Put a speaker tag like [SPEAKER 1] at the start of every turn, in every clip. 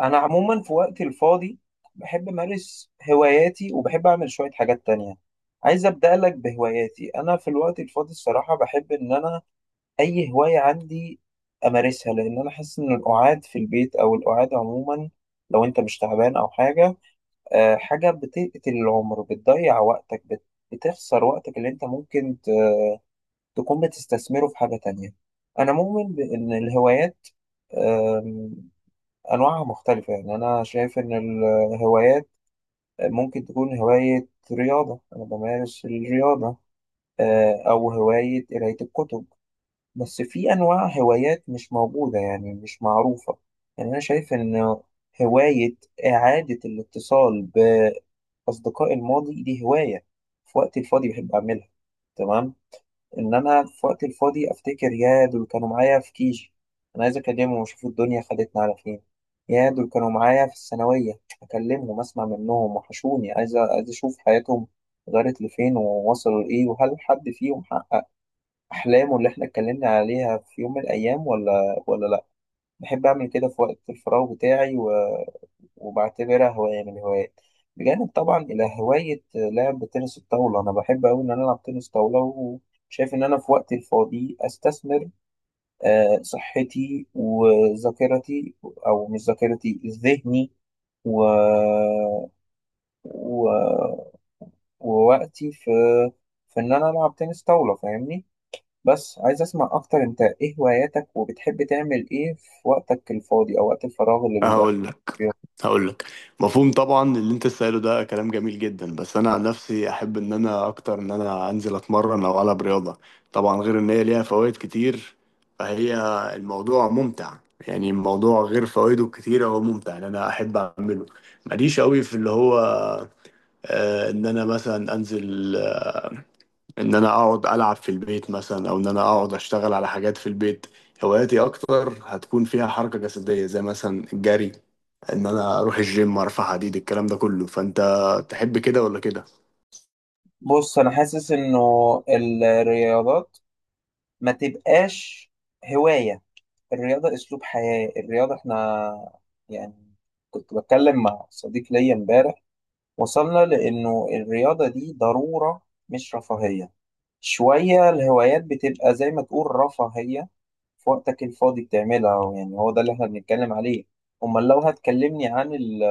[SPEAKER 1] انا عموما في وقتي الفاضي بحب امارس هواياتي، وبحب اعمل شويه حاجات تانية. عايز ابدا لك بهواياتي. انا في الوقت الفاضي الصراحه بحب ان انا اي هوايه عندي امارسها، لان انا حاسس ان القعاد في البيت او القعاد عموما، لو انت مش تعبان او حاجه، حاجه بتقتل العمر، بتضيع وقتك، بتخسر وقتك اللي انت ممكن تكون بتستثمره في حاجه تانية. انا مؤمن بان الهوايات أنواعها مختلفة. يعني أنا شايف إن الهوايات ممكن تكون هواية رياضة. أنا بمارس الرياضة، أو هواية قراية الكتب، بس في أنواع هوايات مش موجودة يعني مش معروفة. يعني أنا شايف إن هواية إعادة الاتصال بأصدقاء الماضي دي هواية في وقتي الفاضي بحب أعملها. تمام، ان انا في وقت الفاضي افتكر يا دول كانوا معايا في كيجي، انا عايز اكلمهم واشوف الدنيا خدتنا على فين. يا دول كانوا معايا في الثانويه اكلمهم اسمع منهم، وحشوني، عايز اشوف حياتهم غيرت لفين، ووصلوا لايه، وهل حد فيهم حقق احلامه اللي احنا اتكلمنا عليها في يوم من الايام ولا لا. بحب اعمل كده في وقت الفراغ بتاعي، وبعتبرها هواية من الهوايات، بجانب طبعا إلى هواية لعب تنس الطاولة. أنا بحب أوي إن أنا ألعب تنس طاولة، وشايف إن أنا في وقتي الفاضي أستثمر صحتي وذاكرتي، أو مش ذاكرتي ذهني، و... و... ووقتي في إن أنا ألعب تنس طاولة، فاهمني؟ بس عايز أسمع أكتر، أنت إيه هواياتك، وبتحب تعمل إيه في وقتك الفاضي أو وقت الفراغ اللي بيبقى
[SPEAKER 2] هقول لك
[SPEAKER 1] فيه؟
[SPEAKER 2] هقول لك. مفهوم طبعا، اللي انت سأله ده كلام جميل جدا، بس انا عن نفسي احب ان انا اكتر ان انا انزل اتمرن او العب رياضه. طبعا غير ان هي ليها فوائد كتير، فهي الموضوع ممتع. يعني الموضوع غير فوائده الكتيره هو ممتع، ان انا احب اعمله. ماليش قوي في اللي هو ان انا مثلا انزل، ان انا اقعد العب في البيت مثلا، او ان انا اقعد اشتغل على حاجات في البيت. هواياتي اكتر هتكون فيها حركه جسديه، زي مثلا الجري، ان انا اروح الجيم ارفع حديد، الكلام ده كله. فانت تحب كده ولا كده؟
[SPEAKER 1] بص انا حاسس انه الرياضات ما تبقاش هواية. الرياضة اسلوب حياة. الرياضة احنا يعني كنت بتكلم مع صديق ليا امبارح، وصلنا لانه الرياضة دي ضرورة مش رفاهية. شوية الهوايات بتبقى زي ما تقول رفاهية، في وقتك الفاضي بتعملها، يعني هو ده اللي احنا بنتكلم عليه. امال لو هتكلمني عن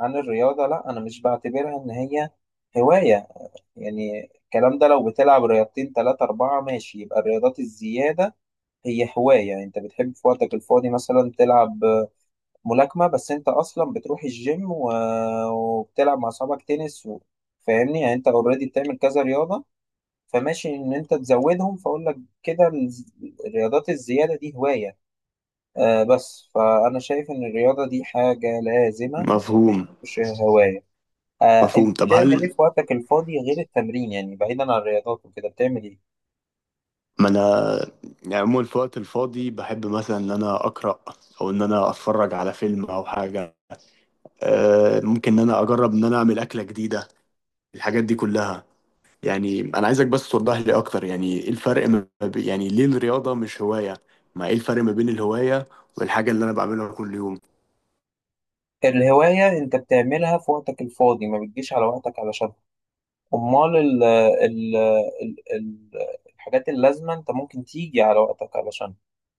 [SPEAKER 1] عن الرياضة، لا انا مش بعتبرها ان هي هواية. يعني الكلام ده لو بتلعب رياضتين تلاتة أربعة ماشي، يبقى الرياضات الزيادة هي هواية. يعني أنت بتحب في وقتك الفاضي مثلا تلعب ملاكمة، بس أنت أصلا بتروح الجيم وبتلعب مع أصحابك تنس فاهمني؟ يعني أنت أوريدي بتعمل كذا رياضة، فماشي إن أنت تزودهم، فأقول لك كده الرياضات الزيادة دي هواية. آه بس فأنا شايف إن الرياضة دي حاجة لازمة،
[SPEAKER 2] مفهوم
[SPEAKER 1] مش هواية. آه، أنت
[SPEAKER 2] مفهوم. طب
[SPEAKER 1] بتعمل إيه
[SPEAKER 2] هل
[SPEAKER 1] في وقتك الفاضي غير التمرين؟ يعني بعيدا عن الرياضات وكده بتعمل إيه؟
[SPEAKER 2] ما انا يعني عموما في الوقت الفاضي بحب مثلا ان انا اقرا، او ان انا اتفرج على فيلم او حاجه. أه، ممكن ان انا اجرب ان انا اعمل اكله جديده، الحاجات دي كلها. يعني انا عايزك بس توضح لي اكتر، يعني ايه الفرق ما بي- يعني ليه الرياضه مش هوايه؟ ما ايه الفرق ما بين الهوايه والحاجه اللي انا بعملها كل يوم؟
[SPEAKER 1] الهواية أنت بتعملها في وقتك الفاضي، ما بتجيش على وقتك علشان. أمال ال ال ال ال الحاجات اللازمة أنت ممكن تيجي على وقتك علشان.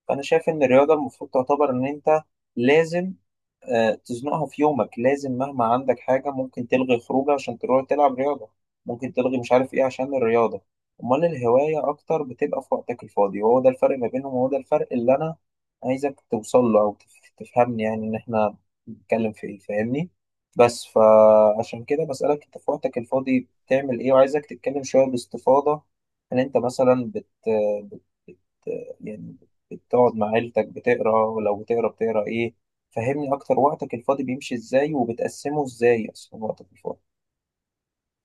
[SPEAKER 1] فأنا شايف إن الرياضة المفروض تعتبر إن أنت لازم تزنقها في يومك، لازم مهما عندك حاجة ممكن تلغي خروجة عشان تروح تلعب رياضة، ممكن تلغي مش عارف ايه عشان الرياضة. امال الهواية اكتر بتبقى في وقتك الفاضي، وهو ده الفرق ما بينهم، وهو ده الفرق اللي انا عايزك توصل له او تفهمني يعني ان احنا بنتكلم في ايه، فاهمني؟ بس فعشان كده بسألك، انت في وقتك الفاضي بتعمل ايه؟ وعايزك تتكلم شوية باستفاضة، ان انت مثلا بت... بت... يعني بتقعد مع عيلتك بتقرا، ولو بتقرا بتقرا ايه؟ فهمني أكتر، وقتك الفاضي بيمشي إزاي، وبتقسمه إزاي أصلا وقتك الفاضي؟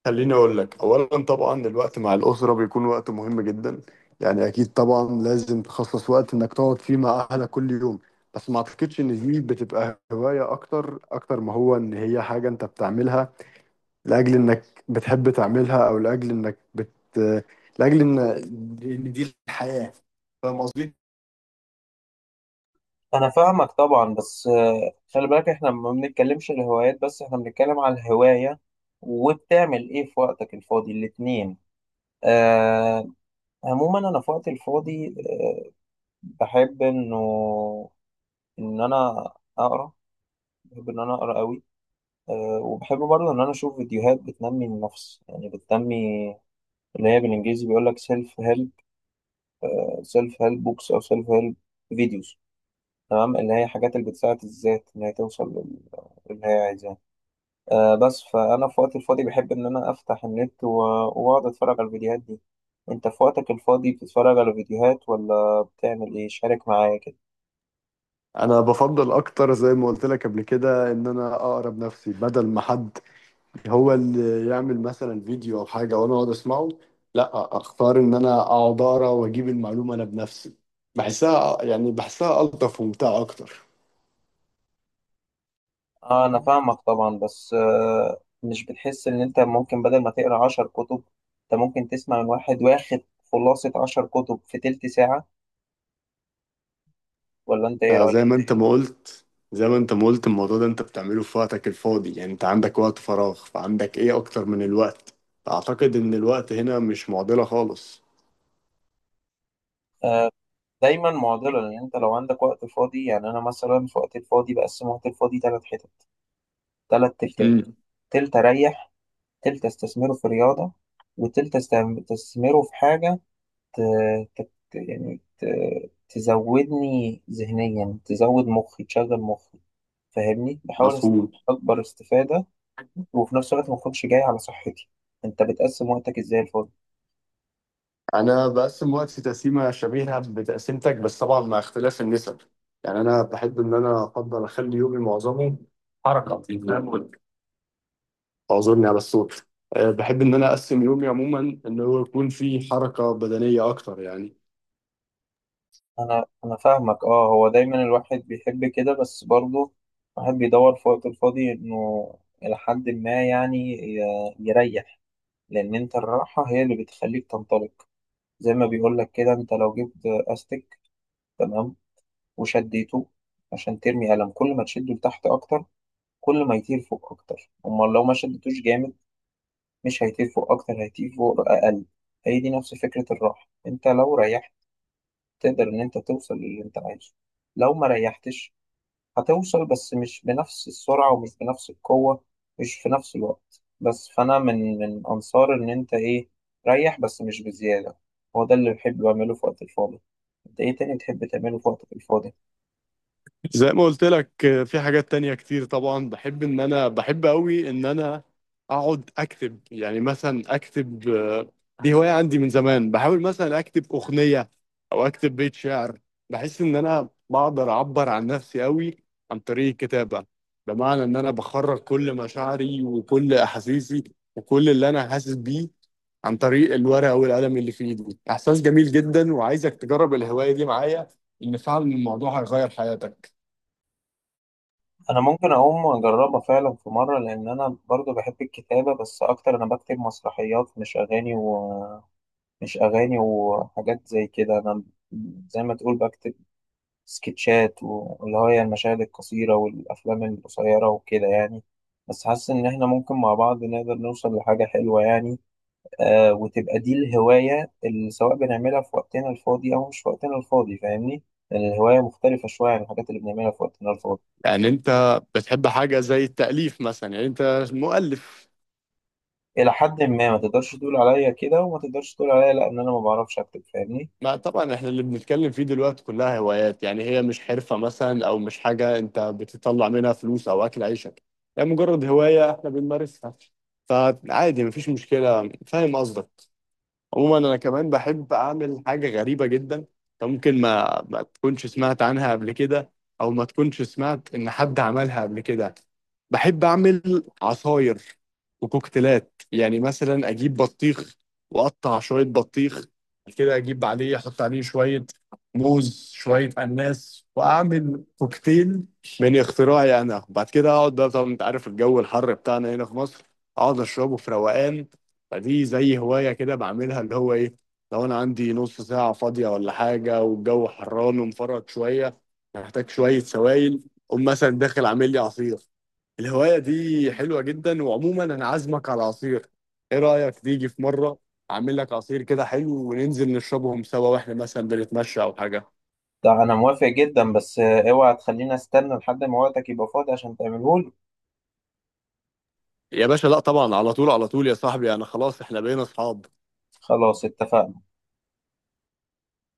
[SPEAKER 2] خليني اقول لك اولا، طبعا الوقت مع الاسره بيكون وقت مهم جدا. يعني اكيد طبعا لازم تخصص وقت انك تقعد فيه مع اهلك كل يوم، بس ما اعتقدش ان دي بتبقى هوايه، اكتر اكتر ما هو ان هي حاجه انت بتعملها لاجل انك بتحب تعملها، او لاجل انك بت لاجل ان دي الحياه. فاهم قصدي؟
[SPEAKER 1] أنا فاهمك طبعا، بس خلي بالك إحنا ما بنتكلمش الهوايات بس، إحنا بنتكلم على الهواية وبتعمل إيه في وقتك الفاضي، الاتنين. آه، عموما أنا في وقتي الفاضي بحب إن أنا أقرأ. بحب إن أنا أقرأ أوي. آه، وبحب برضه إن أنا أشوف فيديوهات بتنمي النفس، يعني بتنمي، اللي هي بالإنجليزي بيقول لك سيلف هيلب. سيلف هيلب بوكس أو سيلف هيلب فيديوز، تمام. اللي هي حاجات اللي بتساعد الذات إن هي توصل اللي هي عايزاه. آه بس فأنا في وقت الفاضي بحب إن أنا أفتح النت وأقعد أتفرج على الفيديوهات دي. أنت في وقتك الفاضي بتتفرج على فيديوهات ولا بتعمل إيه؟ شارك معايا كده.
[SPEAKER 2] انا بفضل اكتر، زي ما قلت لك قبل كده، ان انا اقرب نفسي، بدل ما حد هو اللي يعمل مثلا فيديو او حاجه وانا اقعد اسمعه، لا اختار ان انا اقعد اقرا واجيب المعلومه انا بنفسي. بحسها يعني بحسها الطف وممتعه اكتر.
[SPEAKER 1] آه، أنا فاهمك طبعا، بس مش بتحس إن أنت ممكن بدل ما تقرأ عشر كتب، أنت ممكن تسمع من واحد واخد خلاصة عشر كتب في تلت ساعة؟ ولا أنت إيه
[SPEAKER 2] انت
[SPEAKER 1] رأيك؟
[SPEAKER 2] زي ما انت ما قلت زي ما انت ما قلت الموضوع ده انت بتعمله في وقتك الفاضي، يعني انت عندك وقت فراغ، فعندك ايه اكتر من الوقت؟ اعتقد ان الوقت هنا مش معضله خالص.
[SPEAKER 1] دايما معضلة، لأن أنت لو عندك وقت فاضي، يعني أنا مثلا في وقت الفاضي بقسم وقت الفاضي تلات حتت، تلات تلتات.
[SPEAKER 2] امم
[SPEAKER 1] تلت أريح، تلت أستثمره في رياضة، وتلت أستثمره في حاجة ت... ت... يعني ت... تزودني ذهنيا، تزود مخي، تشغل مخي، فاهمني؟ بحاول
[SPEAKER 2] مفهوم.
[SPEAKER 1] أكبر استفادة. وفي نفس الوقت ما أكونش جاي على صحتي. أنت بتقسم وقتك إزاي الفل؟
[SPEAKER 2] انا بقسم وقتي تقسيمه شبيهه بتقسيمتك، بس طبعا مع اختلاف النسب. يعني انا بحب ان انا افضل اخلي يومي معظمه حركه، فاهم؟ اعذرني على الصوت. بحب ان انا اقسم يومي عموما ان هو يكون فيه حركه بدنيه اكتر يعني.
[SPEAKER 1] أنا فاهمك. أه، هو دايما الواحد بيحب كده، بس برضه الواحد بيدور في وقته الفاضي إنه إلى حد ما يعني يريح. لان انت الراحه هي اللي بتخليك تنطلق. زي ما بيقول لك كده، انت لو جبت استك، تمام، وشديته عشان ترمي قلم، كل ما تشده لتحت اكتر، كل ما يطير فوق اكتر. امال لو ما شدتوش جامد، مش هيطير فوق اكتر، هيطير فوق اقل. هي دي نفس فكره الراحه، انت لو ريحت تقدر ان انت توصل للي انت عايزه. لو ما ريحتش، هتوصل بس مش بنفس السرعة، ومش بنفس القوة، مش في نفس الوقت. بس فأنا من أنصار إن أنت إيه، ريح بس مش بزيادة. هو ده اللي بحب أعمله في وقت الفاضي. أنت إيه تاني تحب تعمله في وقتك الفاضي؟
[SPEAKER 2] زي ما قلت لك، في حاجات تانية كتير طبعا، بحب ان انا بحب قوي ان انا اقعد اكتب، يعني مثلا اكتب. دي هواية عندي من زمان، بحاول مثلا اكتب اغنية او اكتب بيت شعر. بحس ان انا بقدر اعبر عن نفسي قوي عن طريق الكتابة، بمعنى ان انا بخرج كل مشاعري وكل احاسيسي وكل اللي انا حاسس بيه عن طريق الورقة والقلم اللي في ايدي. احساس جميل جدا، وعايزك تجرب الهواية دي معايا، ان فعلا الموضوع هيغير حياتك.
[SPEAKER 1] أنا ممكن أقوم أجربها فعلا في مرة، لأن أنا برضو بحب الكتابة، بس أكتر أنا بكتب مسرحيات، مش أغاني، ومش أغاني وحاجات زي كده. أنا زي ما تقول بكتب سكتشات، واللي هي المشاهد القصيرة والأفلام القصيرة وكده، يعني. بس حاسس إن إحنا ممكن مع بعض نقدر نوصل لحاجة حلوة يعني. آه، وتبقى دي الهواية اللي سواء بنعملها في وقتنا الفاضي أو مش في وقتنا الفاضي، فاهمني؟ يعني الهواية مختلفة شوية عن الحاجات اللي بنعملها في وقتنا الفاضي.
[SPEAKER 2] يعني انت بتحب حاجة زي التأليف مثلا؟ يعني انت مؤلف؟
[SPEAKER 1] إلى حد ما، ما تقدرش تقول عليا كده، وما تقدرش تقول عليا لأ إن أنا ما بعرفش أكتب، فاهمني؟
[SPEAKER 2] ما طبعا احنا اللي بنتكلم فيه دلوقتي كلها هوايات، يعني هي مش حرفة مثلا، او مش حاجة انت بتطلع منها فلوس او اكل عيشك، يعني مجرد هواية احنا بنمارسها، فعادي مفيش مشكلة. فاهم قصدك. عموما انا كمان بحب اعمل حاجه غريبه جدا، أنت ممكن ما تكونش سمعت عنها قبل كده، او ما تكونش سمعت ان حد عملها قبل كده. بحب اعمل عصاير وكوكتيلات، يعني مثلا اجيب بطيخ واقطع شويه بطيخ كده، اجيب عليه احط عليه شويه موز، شويه اناناس، واعمل كوكتيل من اختراعي انا. بعد كده اقعد بقى، طبعا انت عارف الجو الحر بتاعنا هنا في مصر، اقعد اشربه في روقان. فدي زي هواية كده بعملها، اللي هو إيه، لو أنا عندي نص ساعة فاضية ولا حاجة، والجو حران ومفرط شوية، محتاج شوية سوائل، أقوم مثلا داخل عامل لي عصير. الهواية دي حلوة جدا، وعموما أنا عازمك على عصير. إيه رأيك تيجي في مرة، أعمل لك عصير كده حلو، وننزل نشربهم سوا وإحنا مثلا بنتمشى أو حاجة؟
[SPEAKER 1] ده أنا موافق جدا، بس أوعى تخليني أستنى لحد ما وقتك يبقى فاضي عشان تعملهولي.
[SPEAKER 2] يا باشا لا طبعا، على طول على طول يا صاحبي، أنا خلاص، إحنا بقينا أصحاب.
[SPEAKER 1] خلاص اتفقنا.